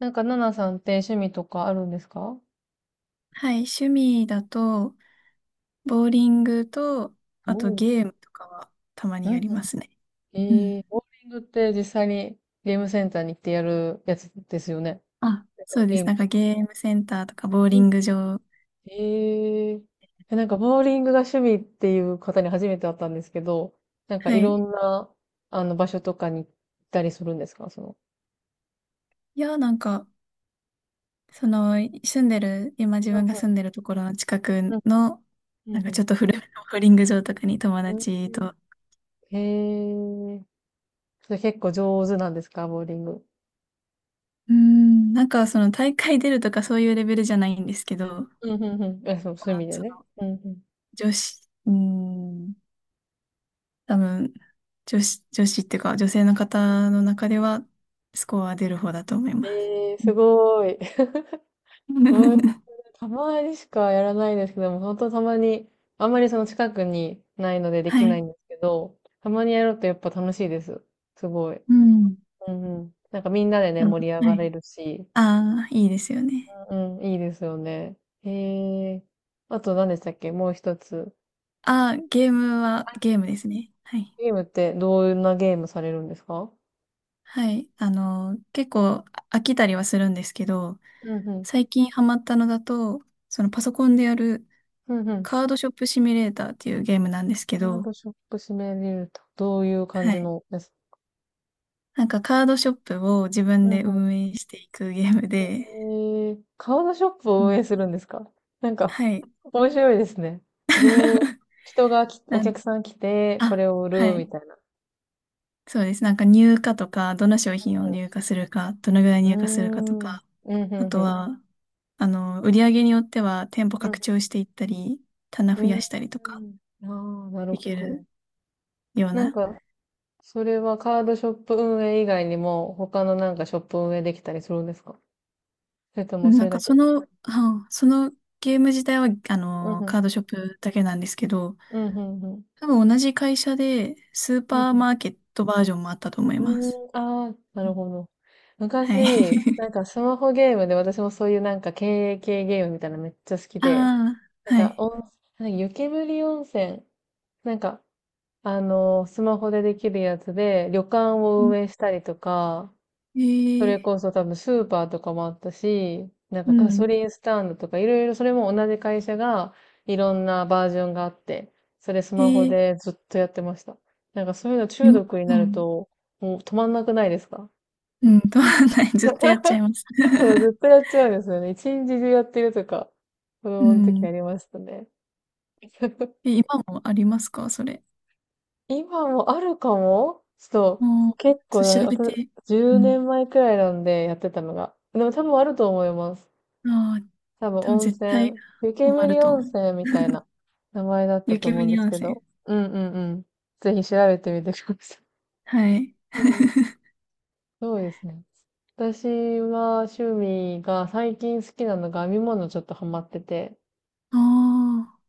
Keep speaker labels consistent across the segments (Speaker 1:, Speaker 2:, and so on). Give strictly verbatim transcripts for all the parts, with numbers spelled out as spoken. Speaker 1: なんか、ナナさんって趣味とかあるんですか？
Speaker 2: はい、趣味だと、ボーリングと、あと
Speaker 1: お、
Speaker 2: ゲームとかはたま
Speaker 1: う
Speaker 2: にや
Speaker 1: ん
Speaker 2: り
Speaker 1: う
Speaker 2: ますね。
Speaker 1: ん。
Speaker 2: う
Speaker 1: えー、
Speaker 2: ん。
Speaker 1: ボーリングって実際にゲームセンターに行ってやるやつですよね。
Speaker 2: あ、
Speaker 1: なんか
Speaker 2: そうで
Speaker 1: ゲー
Speaker 2: す。
Speaker 1: ム。
Speaker 2: なんかゲームセンターとかボー
Speaker 1: う
Speaker 2: リ
Speaker 1: ん。
Speaker 2: ング場。
Speaker 1: えー、えなんかボーリングが趣味っていう方に初めて会ったんですけど、なんか
Speaker 2: は
Speaker 1: い
Speaker 2: い。
Speaker 1: ろんな、あの、場所とかに行ったりするんですか、その。
Speaker 2: いや、なんか、その、住んでる、今自分が
Speaker 1: う
Speaker 2: 住んでるところの近く
Speaker 1: んう
Speaker 2: の、
Speaker 1: ん。う
Speaker 2: なん
Speaker 1: んう
Speaker 2: かち
Speaker 1: ん
Speaker 2: ょっと古めのボーリング場とかに友
Speaker 1: うん。
Speaker 2: 達と、
Speaker 1: へえ、それ結構上手なんですか、ボーリング？
Speaker 2: うーん、なんかその大会出るとかそういうレベルじゃないんですけど、
Speaker 1: うんうんうん。え、そう、
Speaker 2: ま
Speaker 1: 趣
Speaker 2: あ、
Speaker 1: 味で
Speaker 2: そ
Speaker 1: ね。
Speaker 2: の、
Speaker 1: うんうん。
Speaker 2: 女子、うーん多分、女子、女子っていうか、女性の方の中では、スコア出る方だと思います。
Speaker 1: ええ、
Speaker 2: う
Speaker 1: す
Speaker 2: ん。
Speaker 1: ごい。ワー、 たまにしかやらないですけども、本当たまに、あんまりその近くにないのでで
Speaker 2: は
Speaker 1: きない
Speaker 2: い。
Speaker 1: んですけど、たまにやるとやっぱ楽しいです。すごい。
Speaker 2: うん。
Speaker 1: うんうん。なんかみんなでね、
Speaker 2: あの
Speaker 1: 盛り上
Speaker 2: は
Speaker 1: が
Speaker 2: い。
Speaker 1: れるし、
Speaker 2: ああ、いいですよね。
Speaker 1: うん、いいですよね。へえ。あと何でしたっけ、もう一つ。
Speaker 2: ああ、ゲームは、ゲームですね。はい。
Speaker 1: ゲームってどんなゲームされるんですか？
Speaker 2: はい。あの、結構あ飽きたりはするんですけど、
Speaker 1: うんうん。
Speaker 2: 最近ハマったのだと、そのパソコンでやる
Speaker 1: うんうん。
Speaker 2: カードショップシミュレーターっていうゲームなんですけ
Speaker 1: カード
Speaker 2: ど、
Speaker 1: ショップ閉めれると。どういう感
Speaker 2: は
Speaker 1: じ
Speaker 2: い。
Speaker 1: のです？
Speaker 2: なんかカードショップを自分で運営していくゲームで、
Speaker 1: ええ、顔のショップ
Speaker 2: う
Speaker 1: を運営
Speaker 2: ん、
Speaker 1: するんですか？なんか、
Speaker 2: はい。
Speaker 1: 面白いですね。どう、人がき、お
Speaker 2: なん、
Speaker 1: 客さん来て、こ
Speaker 2: あ、
Speaker 1: れを売
Speaker 2: は
Speaker 1: る、
Speaker 2: い。
Speaker 1: みたいな。
Speaker 2: そうです。なんか入荷とか、どの商品を入荷するか、どのぐらい
Speaker 1: う
Speaker 2: 入荷するかと
Speaker 1: ん。うーん。
Speaker 2: か、
Speaker 1: うん、う
Speaker 2: あ
Speaker 1: ん、
Speaker 2: と
Speaker 1: うん。
Speaker 2: は、あの、売り上げによっては店舗拡張していったり、棚
Speaker 1: う
Speaker 2: 増
Speaker 1: ん。
Speaker 2: や
Speaker 1: う
Speaker 2: したりとか、
Speaker 1: ーん。ああ、なる
Speaker 2: で
Speaker 1: ほ
Speaker 2: き
Speaker 1: ど。
Speaker 2: るよう
Speaker 1: なん
Speaker 2: な。
Speaker 1: か、それはカードショップ運営以外にも、他のなんかショップ運営できたりするんですか？それと
Speaker 2: う
Speaker 1: も
Speaker 2: ん
Speaker 1: そ
Speaker 2: なん
Speaker 1: れだ
Speaker 2: かそ
Speaker 1: け？
Speaker 2: の、はそのゲーム自体は、あ
Speaker 1: うん、
Speaker 2: の、
Speaker 1: うん。
Speaker 2: カードショップだけなんですけど、
Speaker 1: うん、うん、うん。
Speaker 2: 多分同じ会社で、スー
Speaker 1: うん
Speaker 2: パー
Speaker 1: うん。
Speaker 2: マーケットバージョンもあったと思い
Speaker 1: う
Speaker 2: ます。
Speaker 1: ーん、ああ、な
Speaker 2: う
Speaker 1: る
Speaker 2: ん、
Speaker 1: ほど。
Speaker 2: はい。
Speaker 1: 昔、な んかスマホゲームで私もそういうなんか経営系ゲームみたいなのめっちゃ好き
Speaker 2: あ
Speaker 1: で、
Speaker 2: あ、
Speaker 1: なん
Speaker 2: は
Speaker 1: か
Speaker 2: い。
Speaker 1: 温、なんか湯煙温泉、なんか、あのースマホでできるやつで旅館
Speaker 2: う
Speaker 1: を
Speaker 2: ん、
Speaker 1: 運営したりとか、
Speaker 2: え
Speaker 1: それ
Speaker 2: ー、
Speaker 1: こそ多分スーパーとかもあったし、なんか
Speaker 2: う
Speaker 1: ガソ
Speaker 2: ん。
Speaker 1: リンスタンドとかいろいろ、それも同じ会社がいろんなバージョンがあって、それス
Speaker 2: え
Speaker 1: マホ
Speaker 2: ー
Speaker 1: でずっとやってました。なんかそういうの中
Speaker 2: 今、
Speaker 1: 毒に
Speaker 2: う
Speaker 1: なる
Speaker 2: ん、
Speaker 1: と、もう止まんなくないですか？
Speaker 2: うん、取ない。ずっとやっちゃいます。
Speaker 1: そう、ずっと やっちゃうんですよね。一日中やってるとか、子
Speaker 2: う
Speaker 1: 供の時あ
Speaker 2: ん。
Speaker 1: りましたね。
Speaker 2: え、今もありますかそれ。
Speaker 1: 今もあるかもちょっと、
Speaker 2: もう、
Speaker 1: 結構
Speaker 2: ちょ
Speaker 1: な、
Speaker 2: っと調
Speaker 1: あ
Speaker 2: べ
Speaker 1: と
Speaker 2: て。う
Speaker 1: 10
Speaker 2: ん。
Speaker 1: 年前くらいなんでやってたのが。でも多分あると思います。
Speaker 2: ああ、
Speaker 1: 多分
Speaker 2: 多分
Speaker 1: 温
Speaker 2: 絶対
Speaker 1: 泉、湯
Speaker 2: ハ
Speaker 1: 煙
Speaker 2: マると思
Speaker 1: 温
Speaker 2: う。
Speaker 1: 泉みたいな 名前だった
Speaker 2: 湯
Speaker 1: と思うんで
Speaker 2: 煙
Speaker 1: す
Speaker 2: 温
Speaker 1: け
Speaker 2: 泉。
Speaker 1: ど。うんうんうん。ぜひ調べてみてください。
Speaker 2: はい。
Speaker 1: うん。そうですね。私は趣味が最近好きなのが編み物ちょっとハマってて、
Speaker 2: ああ、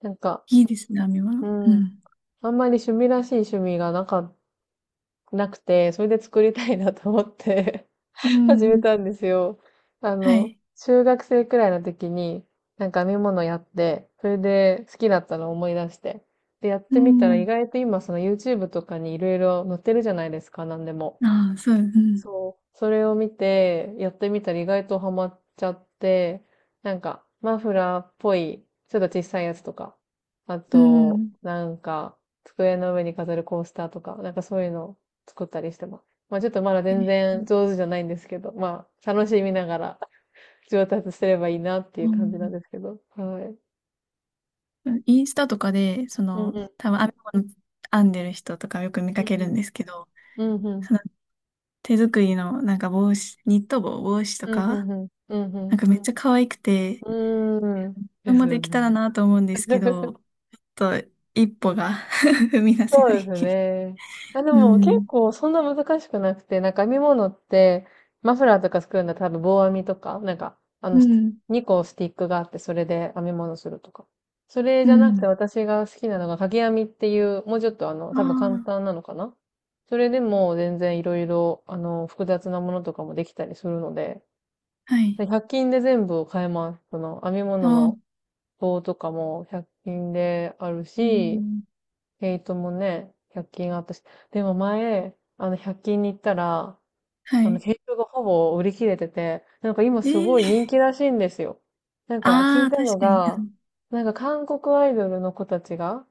Speaker 1: なんか、
Speaker 2: いいですね、編み物。
Speaker 1: う
Speaker 2: う
Speaker 1: ん、
Speaker 2: ん。
Speaker 1: あんまり趣味らしい趣味がなか、なくて、それで作りたいなと思って
Speaker 2: う
Speaker 1: 始め
Speaker 2: ん。
Speaker 1: たんですよ。あ
Speaker 2: は
Speaker 1: の、
Speaker 2: い。
Speaker 1: 中学生くらいの時に、なんか編み物やって、それで好きだったのを思い出して。で、やっ
Speaker 2: う
Speaker 1: てみたら意
Speaker 2: ん。
Speaker 1: 外と今その YouTube とかにいろいろ載ってるじゃないですか、なんでも。
Speaker 2: ああ、そう、うん。
Speaker 1: そう。それを見て、やってみたら意外とハマっちゃって、なんか、マフラーっぽい、ちょっと小さいやつとか、あ
Speaker 2: う
Speaker 1: と、
Speaker 2: ん。
Speaker 1: なんか、机の上に飾るコースターとか、なんかそういうのを作ったりしてます。まあちょっとまだ
Speaker 2: え
Speaker 1: 全然
Speaker 2: ー
Speaker 1: 上手じゃないんですけど、まあ楽しみながら上達すればいいなってい
Speaker 2: う
Speaker 1: う感じなん
Speaker 2: ん、
Speaker 1: ですけど。はい。
Speaker 2: インスタとかで、そ
Speaker 1: うん
Speaker 2: の、
Speaker 1: うん。
Speaker 2: 多分編み物編んでる人とかよく見
Speaker 1: う
Speaker 2: かけるん
Speaker 1: ん
Speaker 2: ですけど、
Speaker 1: うん。
Speaker 2: その手作りのなんか帽子、ニット帽、帽子と
Speaker 1: うんうん。
Speaker 2: か、
Speaker 1: うんうん。うんう
Speaker 2: なん
Speaker 1: ん。
Speaker 2: かめっちゃ可愛くて、
Speaker 1: うんうん。
Speaker 2: これ
Speaker 1: です
Speaker 2: も
Speaker 1: よ
Speaker 2: でき
Speaker 1: ね。
Speaker 2: たらなと思うんですけど、ちょっと一歩が 踏み出せ
Speaker 1: そう
Speaker 2: な
Speaker 1: で
Speaker 2: い。
Speaker 1: すね。あ、で
Speaker 2: う
Speaker 1: も結
Speaker 2: ん。
Speaker 1: 構そんな難しくなくて、なんか編み物って、マフラーとか作るんだったら多分棒編みとか、なんか、あ
Speaker 2: う
Speaker 1: の、
Speaker 2: ん。
Speaker 1: にこスティックがあって、それで編み物するとか。それ
Speaker 2: う
Speaker 1: じゃなくて
Speaker 2: ん。
Speaker 1: 私が好きなのが掛け編みっていう、もうちょっと、あの、多
Speaker 2: あ
Speaker 1: 分簡単なのかな。それでも全然いろいろ、あの、複雑なものとかもできたりするので、
Speaker 2: あ、はい。
Speaker 1: ひゃく均で全部買えます。その編み物
Speaker 2: ああ、
Speaker 1: の棒とかもひゃく均である
Speaker 2: う
Speaker 1: し、
Speaker 2: ん。
Speaker 1: ヘイトもね、ひゃく均あったし。でも前、あの、ひゃく均に行ったら、
Speaker 2: は
Speaker 1: あの、
Speaker 2: い。
Speaker 1: ヘイトがほぼ売り切れてて、なんか今
Speaker 2: え
Speaker 1: すごい人
Speaker 2: ー、
Speaker 1: 気らしいんですよ。なんか聞
Speaker 2: あ
Speaker 1: い
Speaker 2: あ、
Speaker 1: た
Speaker 2: 確
Speaker 1: の
Speaker 2: かに。
Speaker 1: が、なんか韓国アイドルの子たちが、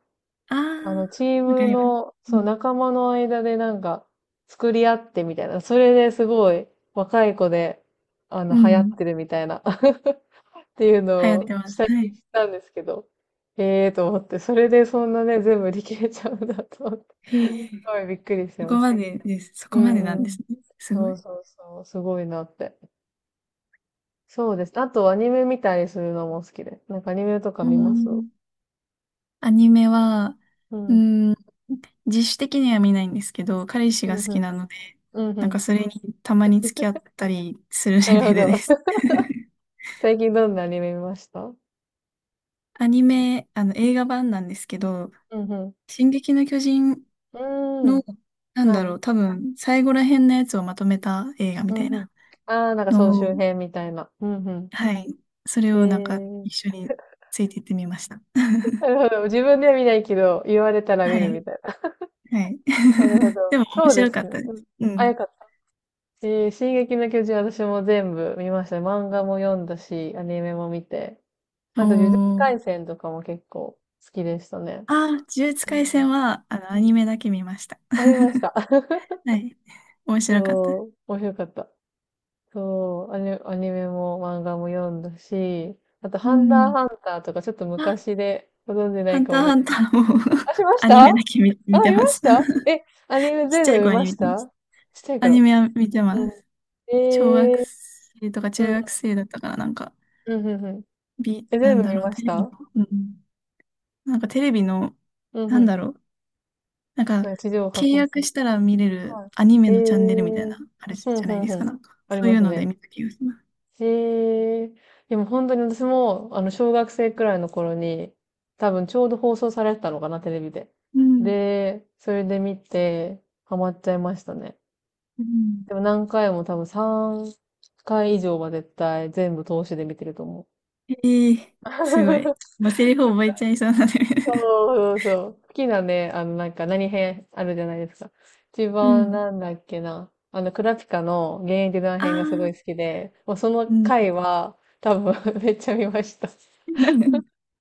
Speaker 2: ああ
Speaker 1: あの、チー
Speaker 2: ー、わか
Speaker 1: ム
Speaker 2: ります。
Speaker 1: の、
Speaker 2: う
Speaker 1: そう、
Speaker 2: ん。
Speaker 1: 仲間の間でなんか、作り合ってみたいな。それですごい、若い子で、あの、
Speaker 2: う
Speaker 1: 流行っ
Speaker 2: ん、
Speaker 1: てるみたいな。っていう
Speaker 2: 流行っ
Speaker 1: のを
Speaker 2: てます。
Speaker 1: 最
Speaker 2: は
Speaker 1: 近
Speaker 2: い。
Speaker 1: 知ったんですけど、ええと思って、それでそんなね、全部売り切れちゃうんだと思って、
Speaker 2: へ
Speaker 1: す
Speaker 2: え、
Speaker 1: ごいびっくりして
Speaker 2: そこ
Speaker 1: まし
Speaker 2: ま
Speaker 1: た。
Speaker 2: でです。そ
Speaker 1: う
Speaker 2: こまでなん
Speaker 1: ん
Speaker 2: で
Speaker 1: うん。
Speaker 2: すね。すご
Speaker 1: そう
Speaker 2: い。
Speaker 1: そうそう、すごいなって。そうです。あとアニメ見たりするのも好きで。なんかアニメとか
Speaker 2: う
Speaker 1: 見ます？
Speaker 2: ん、アニメは、
Speaker 1: う
Speaker 2: う
Speaker 1: ん。
Speaker 2: ーん、自主的には見ないんですけど、彼氏
Speaker 1: う
Speaker 2: が
Speaker 1: ん
Speaker 2: 好
Speaker 1: う
Speaker 2: き
Speaker 1: ん。
Speaker 2: なので、
Speaker 1: うんう
Speaker 2: なん
Speaker 1: ん。
Speaker 2: かそれにたまに付き合ったりする
Speaker 1: な
Speaker 2: レ
Speaker 1: る
Speaker 2: ベ
Speaker 1: ほ
Speaker 2: ル
Speaker 1: ど。
Speaker 2: です。
Speaker 1: 最近どんなアニメ見ました？
Speaker 2: アニメ、あの映画版なんですけど、
Speaker 1: うんう
Speaker 2: 進撃の巨人
Speaker 1: ん。うーん。
Speaker 2: の、なん
Speaker 1: は
Speaker 2: だろ
Speaker 1: い。
Speaker 2: う、多分最後ら辺のやつをまとめた映画み
Speaker 1: うん
Speaker 2: たい
Speaker 1: うん。
Speaker 2: な
Speaker 1: ああ、なんか総
Speaker 2: のを、
Speaker 1: 集編みたいな。うんう
Speaker 2: はい、それ
Speaker 1: ん。へ
Speaker 2: をなんか一
Speaker 1: え。
Speaker 2: 緒についていってみました。
Speaker 1: な るほど。自分では見ないけど、言われたら
Speaker 2: は
Speaker 1: 見るみ
Speaker 2: い、
Speaker 1: たいな。
Speaker 2: はい。
Speaker 1: なるほど。
Speaker 2: でも面
Speaker 1: そうで
Speaker 2: 白か
Speaker 1: す
Speaker 2: っ
Speaker 1: ね。
Speaker 2: たで
Speaker 1: うん。
Speaker 2: す。う
Speaker 1: あ、
Speaker 2: ん。
Speaker 1: よかった。し、進撃の巨人私も全部見ました。漫画も読んだし、アニメも見て。
Speaker 2: お
Speaker 1: あと、呪術
Speaker 2: ー、
Speaker 1: 廻戦とかも結構好きでしたね。
Speaker 2: ああ、呪術
Speaker 1: う
Speaker 2: 廻
Speaker 1: ん。
Speaker 2: 戦は、あの、
Speaker 1: う
Speaker 2: アニ
Speaker 1: ん。
Speaker 2: メだけ見ました。
Speaker 1: ありました。
Speaker 2: はい。面白かった。
Speaker 1: そう、面白かった。そう、アニ、アニメも漫画も読んだし、あと、
Speaker 2: う
Speaker 1: ハンター
Speaker 2: ん。
Speaker 1: ハンターとかちょっと
Speaker 2: あ、
Speaker 1: 昔でご存じな
Speaker 2: ハ
Speaker 1: い
Speaker 2: ン
Speaker 1: か
Speaker 2: ター
Speaker 1: もだ
Speaker 2: ハン
Speaker 1: け
Speaker 2: タ
Speaker 1: ど、
Speaker 2: ーも
Speaker 1: あ、しまし
Speaker 2: アニ
Speaker 1: た
Speaker 2: メ
Speaker 1: あ、
Speaker 2: だけ見、見て
Speaker 1: 見
Speaker 2: ま
Speaker 1: まし
Speaker 2: す。
Speaker 1: た え、アニメ
Speaker 2: ちっ
Speaker 1: 全
Speaker 2: ちゃ
Speaker 1: 部
Speaker 2: い
Speaker 1: 見
Speaker 2: 頃
Speaker 1: ま
Speaker 2: に
Speaker 1: し
Speaker 2: 見てます。
Speaker 1: た？ちっちゃい
Speaker 2: アニ
Speaker 1: 頃。
Speaker 2: メは見てま
Speaker 1: うん。
Speaker 2: す。小学
Speaker 1: えー、
Speaker 2: 生とか
Speaker 1: う
Speaker 2: 中
Speaker 1: ん、
Speaker 2: 学生だったから、なんか、
Speaker 1: うん、うん、うん。
Speaker 2: ビ、
Speaker 1: え、
Speaker 2: な
Speaker 1: 全
Speaker 2: ん
Speaker 1: 部
Speaker 2: だ
Speaker 1: 見
Speaker 2: ろう、
Speaker 1: まし
Speaker 2: テレビ
Speaker 1: た？
Speaker 2: の、うん。なんかテレビの、
Speaker 1: うん、
Speaker 2: な
Speaker 1: う
Speaker 2: ん
Speaker 1: ん。
Speaker 2: だろう、なんか、
Speaker 1: なんか地上波
Speaker 2: 契
Speaker 1: 放送。
Speaker 2: 約したら見れる
Speaker 1: は
Speaker 2: アニメ
Speaker 1: い。え
Speaker 2: のチャンネルみたい
Speaker 1: ー、
Speaker 2: な、あれじ
Speaker 1: うん、
Speaker 2: ゃ
Speaker 1: う
Speaker 2: ないで
Speaker 1: ん、
Speaker 2: す
Speaker 1: う
Speaker 2: か、
Speaker 1: ん。
Speaker 2: なんか。
Speaker 1: あり
Speaker 2: そう
Speaker 1: ま
Speaker 2: いう
Speaker 1: す
Speaker 2: ので
Speaker 1: ね。
Speaker 2: 見た気がします。
Speaker 1: えー、でも本当に私も、あの、小学生くらいの頃に、多分ちょうど放送されてたのかな、テレビで。
Speaker 2: うん。
Speaker 1: で、それで見て、ハマっちゃいましたね。
Speaker 2: うん、
Speaker 1: でも何回も多分さんかい以上は絶対全部通しで見てると思う。
Speaker 2: ええ、すごい。もうセリフ覚えちゃいそうなので。
Speaker 1: そうそうそう。好きなね、あの、なんか何編あるじゃないですか。一
Speaker 2: う
Speaker 1: 番
Speaker 2: ん。
Speaker 1: なんだっけな。あの、クラピカの現役団
Speaker 2: ああ、
Speaker 1: 編がすごい好きで、もうその
Speaker 2: うん。
Speaker 1: 回は多分 めっちゃ見ました。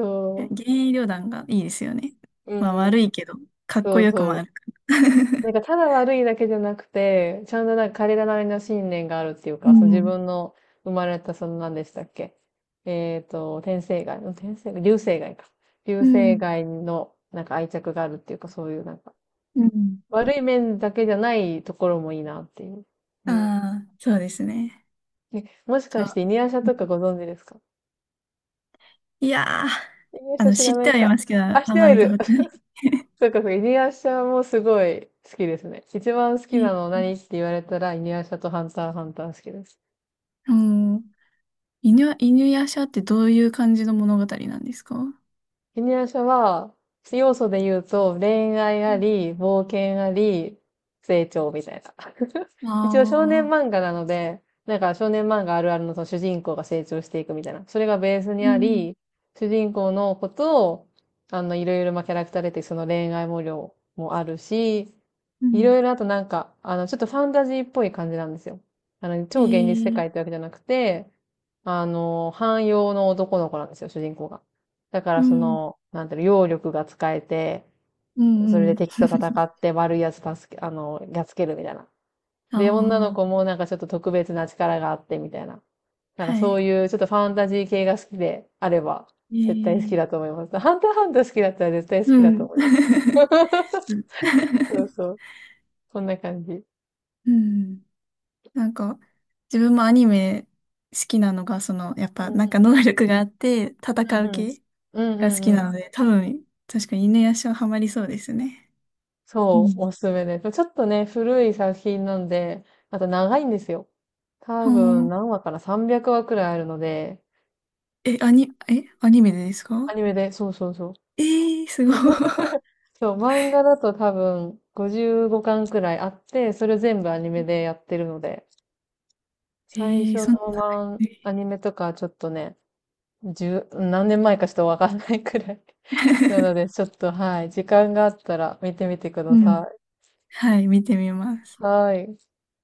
Speaker 1: そ
Speaker 2: 幻影旅団がいいですよね。
Speaker 1: う。う
Speaker 2: まあ
Speaker 1: んうん。
Speaker 2: 悪いけど、かっ
Speaker 1: そ
Speaker 2: こ
Speaker 1: う
Speaker 2: よくも
Speaker 1: そ
Speaker 2: あ
Speaker 1: う。
Speaker 2: るから。
Speaker 1: なんかただ悪いだけじゃなくて、ちゃんとなんか彼らなりの信念があるっていう
Speaker 2: う
Speaker 1: か、その自
Speaker 2: ん。
Speaker 1: 分の生まれたその何でしたっけ？えっと、天生涯の、天生流星街か。流
Speaker 2: う
Speaker 1: 星
Speaker 2: ん。
Speaker 1: 街のなんか愛着があるっていうか、そういうなんか、
Speaker 2: うん。
Speaker 1: 悪い面だけじゃないところもいいなっていう。うん。
Speaker 2: ああ、そうですね。
Speaker 1: え、もし
Speaker 2: そ
Speaker 1: かし
Speaker 2: う。
Speaker 1: てイニアシャとかご存知ですか？
Speaker 2: いやー、
Speaker 1: イニアシ
Speaker 2: あ
Speaker 1: ャ
Speaker 2: の、
Speaker 1: 知
Speaker 2: 知
Speaker 1: ら
Speaker 2: っ
Speaker 1: な
Speaker 2: て
Speaker 1: い
Speaker 2: はい
Speaker 1: か。
Speaker 2: ますけど、あ
Speaker 1: あ、知っ
Speaker 2: ん
Speaker 1: ては
Speaker 2: ま
Speaker 1: い
Speaker 2: 見た
Speaker 1: る。
Speaker 2: ことない。
Speaker 1: そうかそうか、イニアシャもすごい好きですね。一番好
Speaker 2: え
Speaker 1: きなの
Speaker 2: ー、
Speaker 1: 何って言われたら、イニアシャとハンターハンター好きです。
Speaker 2: うん。犬や、犬夜叉ってどういう感じの物語なんですか？
Speaker 1: ジニア社は、要素で言うと、恋愛
Speaker 2: う
Speaker 1: あ
Speaker 2: ん、
Speaker 1: り、冒険あり、成長みたいな。一応少年
Speaker 2: あ
Speaker 1: 漫
Speaker 2: あ
Speaker 1: 画なので、なんか少年漫画あるあるのその主人公が成長していくみたいな。それがベースに
Speaker 2: ー、う
Speaker 1: あ
Speaker 2: ん、
Speaker 1: り、主人公のことを、あの、いろいろまあキャラクター出て、その恋愛模様もあるし、
Speaker 2: う
Speaker 1: い
Speaker 2: ん。
Speaker 1: ろいろあとなんか、あの、ちょっとファンタジーっぽい感じなんですよ。あの、
Speaker 2: え
Speaker 1: 超現実世
Speaker 2: ー、
Speaker 1: 界ってわけじゃなくて、あの、汎用の男の子なんですよ、主人公が。だか
Speaker 2: う
Speaker 1: らそ
Speaker 2: ん、
Speaker 1: の、なんていうの、揚力が使えて、
Speaker 2: う
Speaker 1: それ
Speaker 2: ん、う
Speaker 1: で
Speaker 2: ん。
Speaker 1: 敵と戦って悪いやつ助け、あの、やっつけるみたいな。で、女の
Speaker 2: あ
Speaker 1: 子もなんかちょっと特別な力があってみたいな。
Speaker 2: あ、
Speaker 1: なんか
Speaker 2: は
Speaker 1: そう
Speaker 2: い。
Speaker 1: いうちょっとファンタジー系が好きであれば、絶対好き
Speaker 2: え
Speaker 1: だと思
Speaker 2: え、
Speaker 1: います。ハンターハンター好きだったら絶対好
Speaker 2: う
Speaker 1: きだと
Speaker 2: ん。
Speaker 1: 思います。
Speaker 2: うん。
Speaker 1: そう そう。そんな感じ。
Speaker 2: うん、なんか、自分もアニメ好きなのが、その、やっ
Speaker 1: う
Speaker 2: ぱ、なんか
Speaker 1: ん
Speaker 2: 能力があって、
Speaker 1: う
Speaker 2: 戦
Speaker 1: んう
Speaker 2: う
Speaker 1: んうん。
Speaker 2: 系
Speaker 1: うん
Speaker 2: が
Speaker 1: う
Speaker 2: 好き
Speaker 1: んう
Speaker 2: な
Speaker 1: ん。
Speaker 2: ので、多分、確かに犬夜叉ハマりそうですね。う
Speaker 1: そう、
Speaker 2: ん。
Speaker 1: おすすめです。ちょっとね、古い作品なんで、また長いんですよ。多
Speaker 2: ほ
Speaker 1: 分
Speaker 2: ー、
Speaker 1: 何話かな？ さんびゃく 話くらいあるので、
Speaker 2: え、アニ、え、アニメでです
Speaker 1: ア
Speaker 2: か？
Speaker 1: ニメで、そうそうそう。
Speaker 2: ええー、すごい。
Speaker 1: そう、漫画だと多分ごじゅうごかんくらいあって、それ全部アニメでやってるので、
Speaker 2: え
Speaker 1: 最
Speaker 2: え
Speaker 1: 初
Speaker 2: ー、
Speaker 1: の
Speaker 2: そんな
Speaker 1: 漫、
Speaker 2: 長
Speaker 1: アニ
Speaker 2: い、
Speaker 1: メとかちょっとね、十、何年前かちょっとわかんないくらい。なの で、ちょっと、はい、時間があったら見てみてくだ
Speaker 2: うん。
Speaker 1: さ
Speaker 2: はい、見てみます。
Speaker 1: い。はい。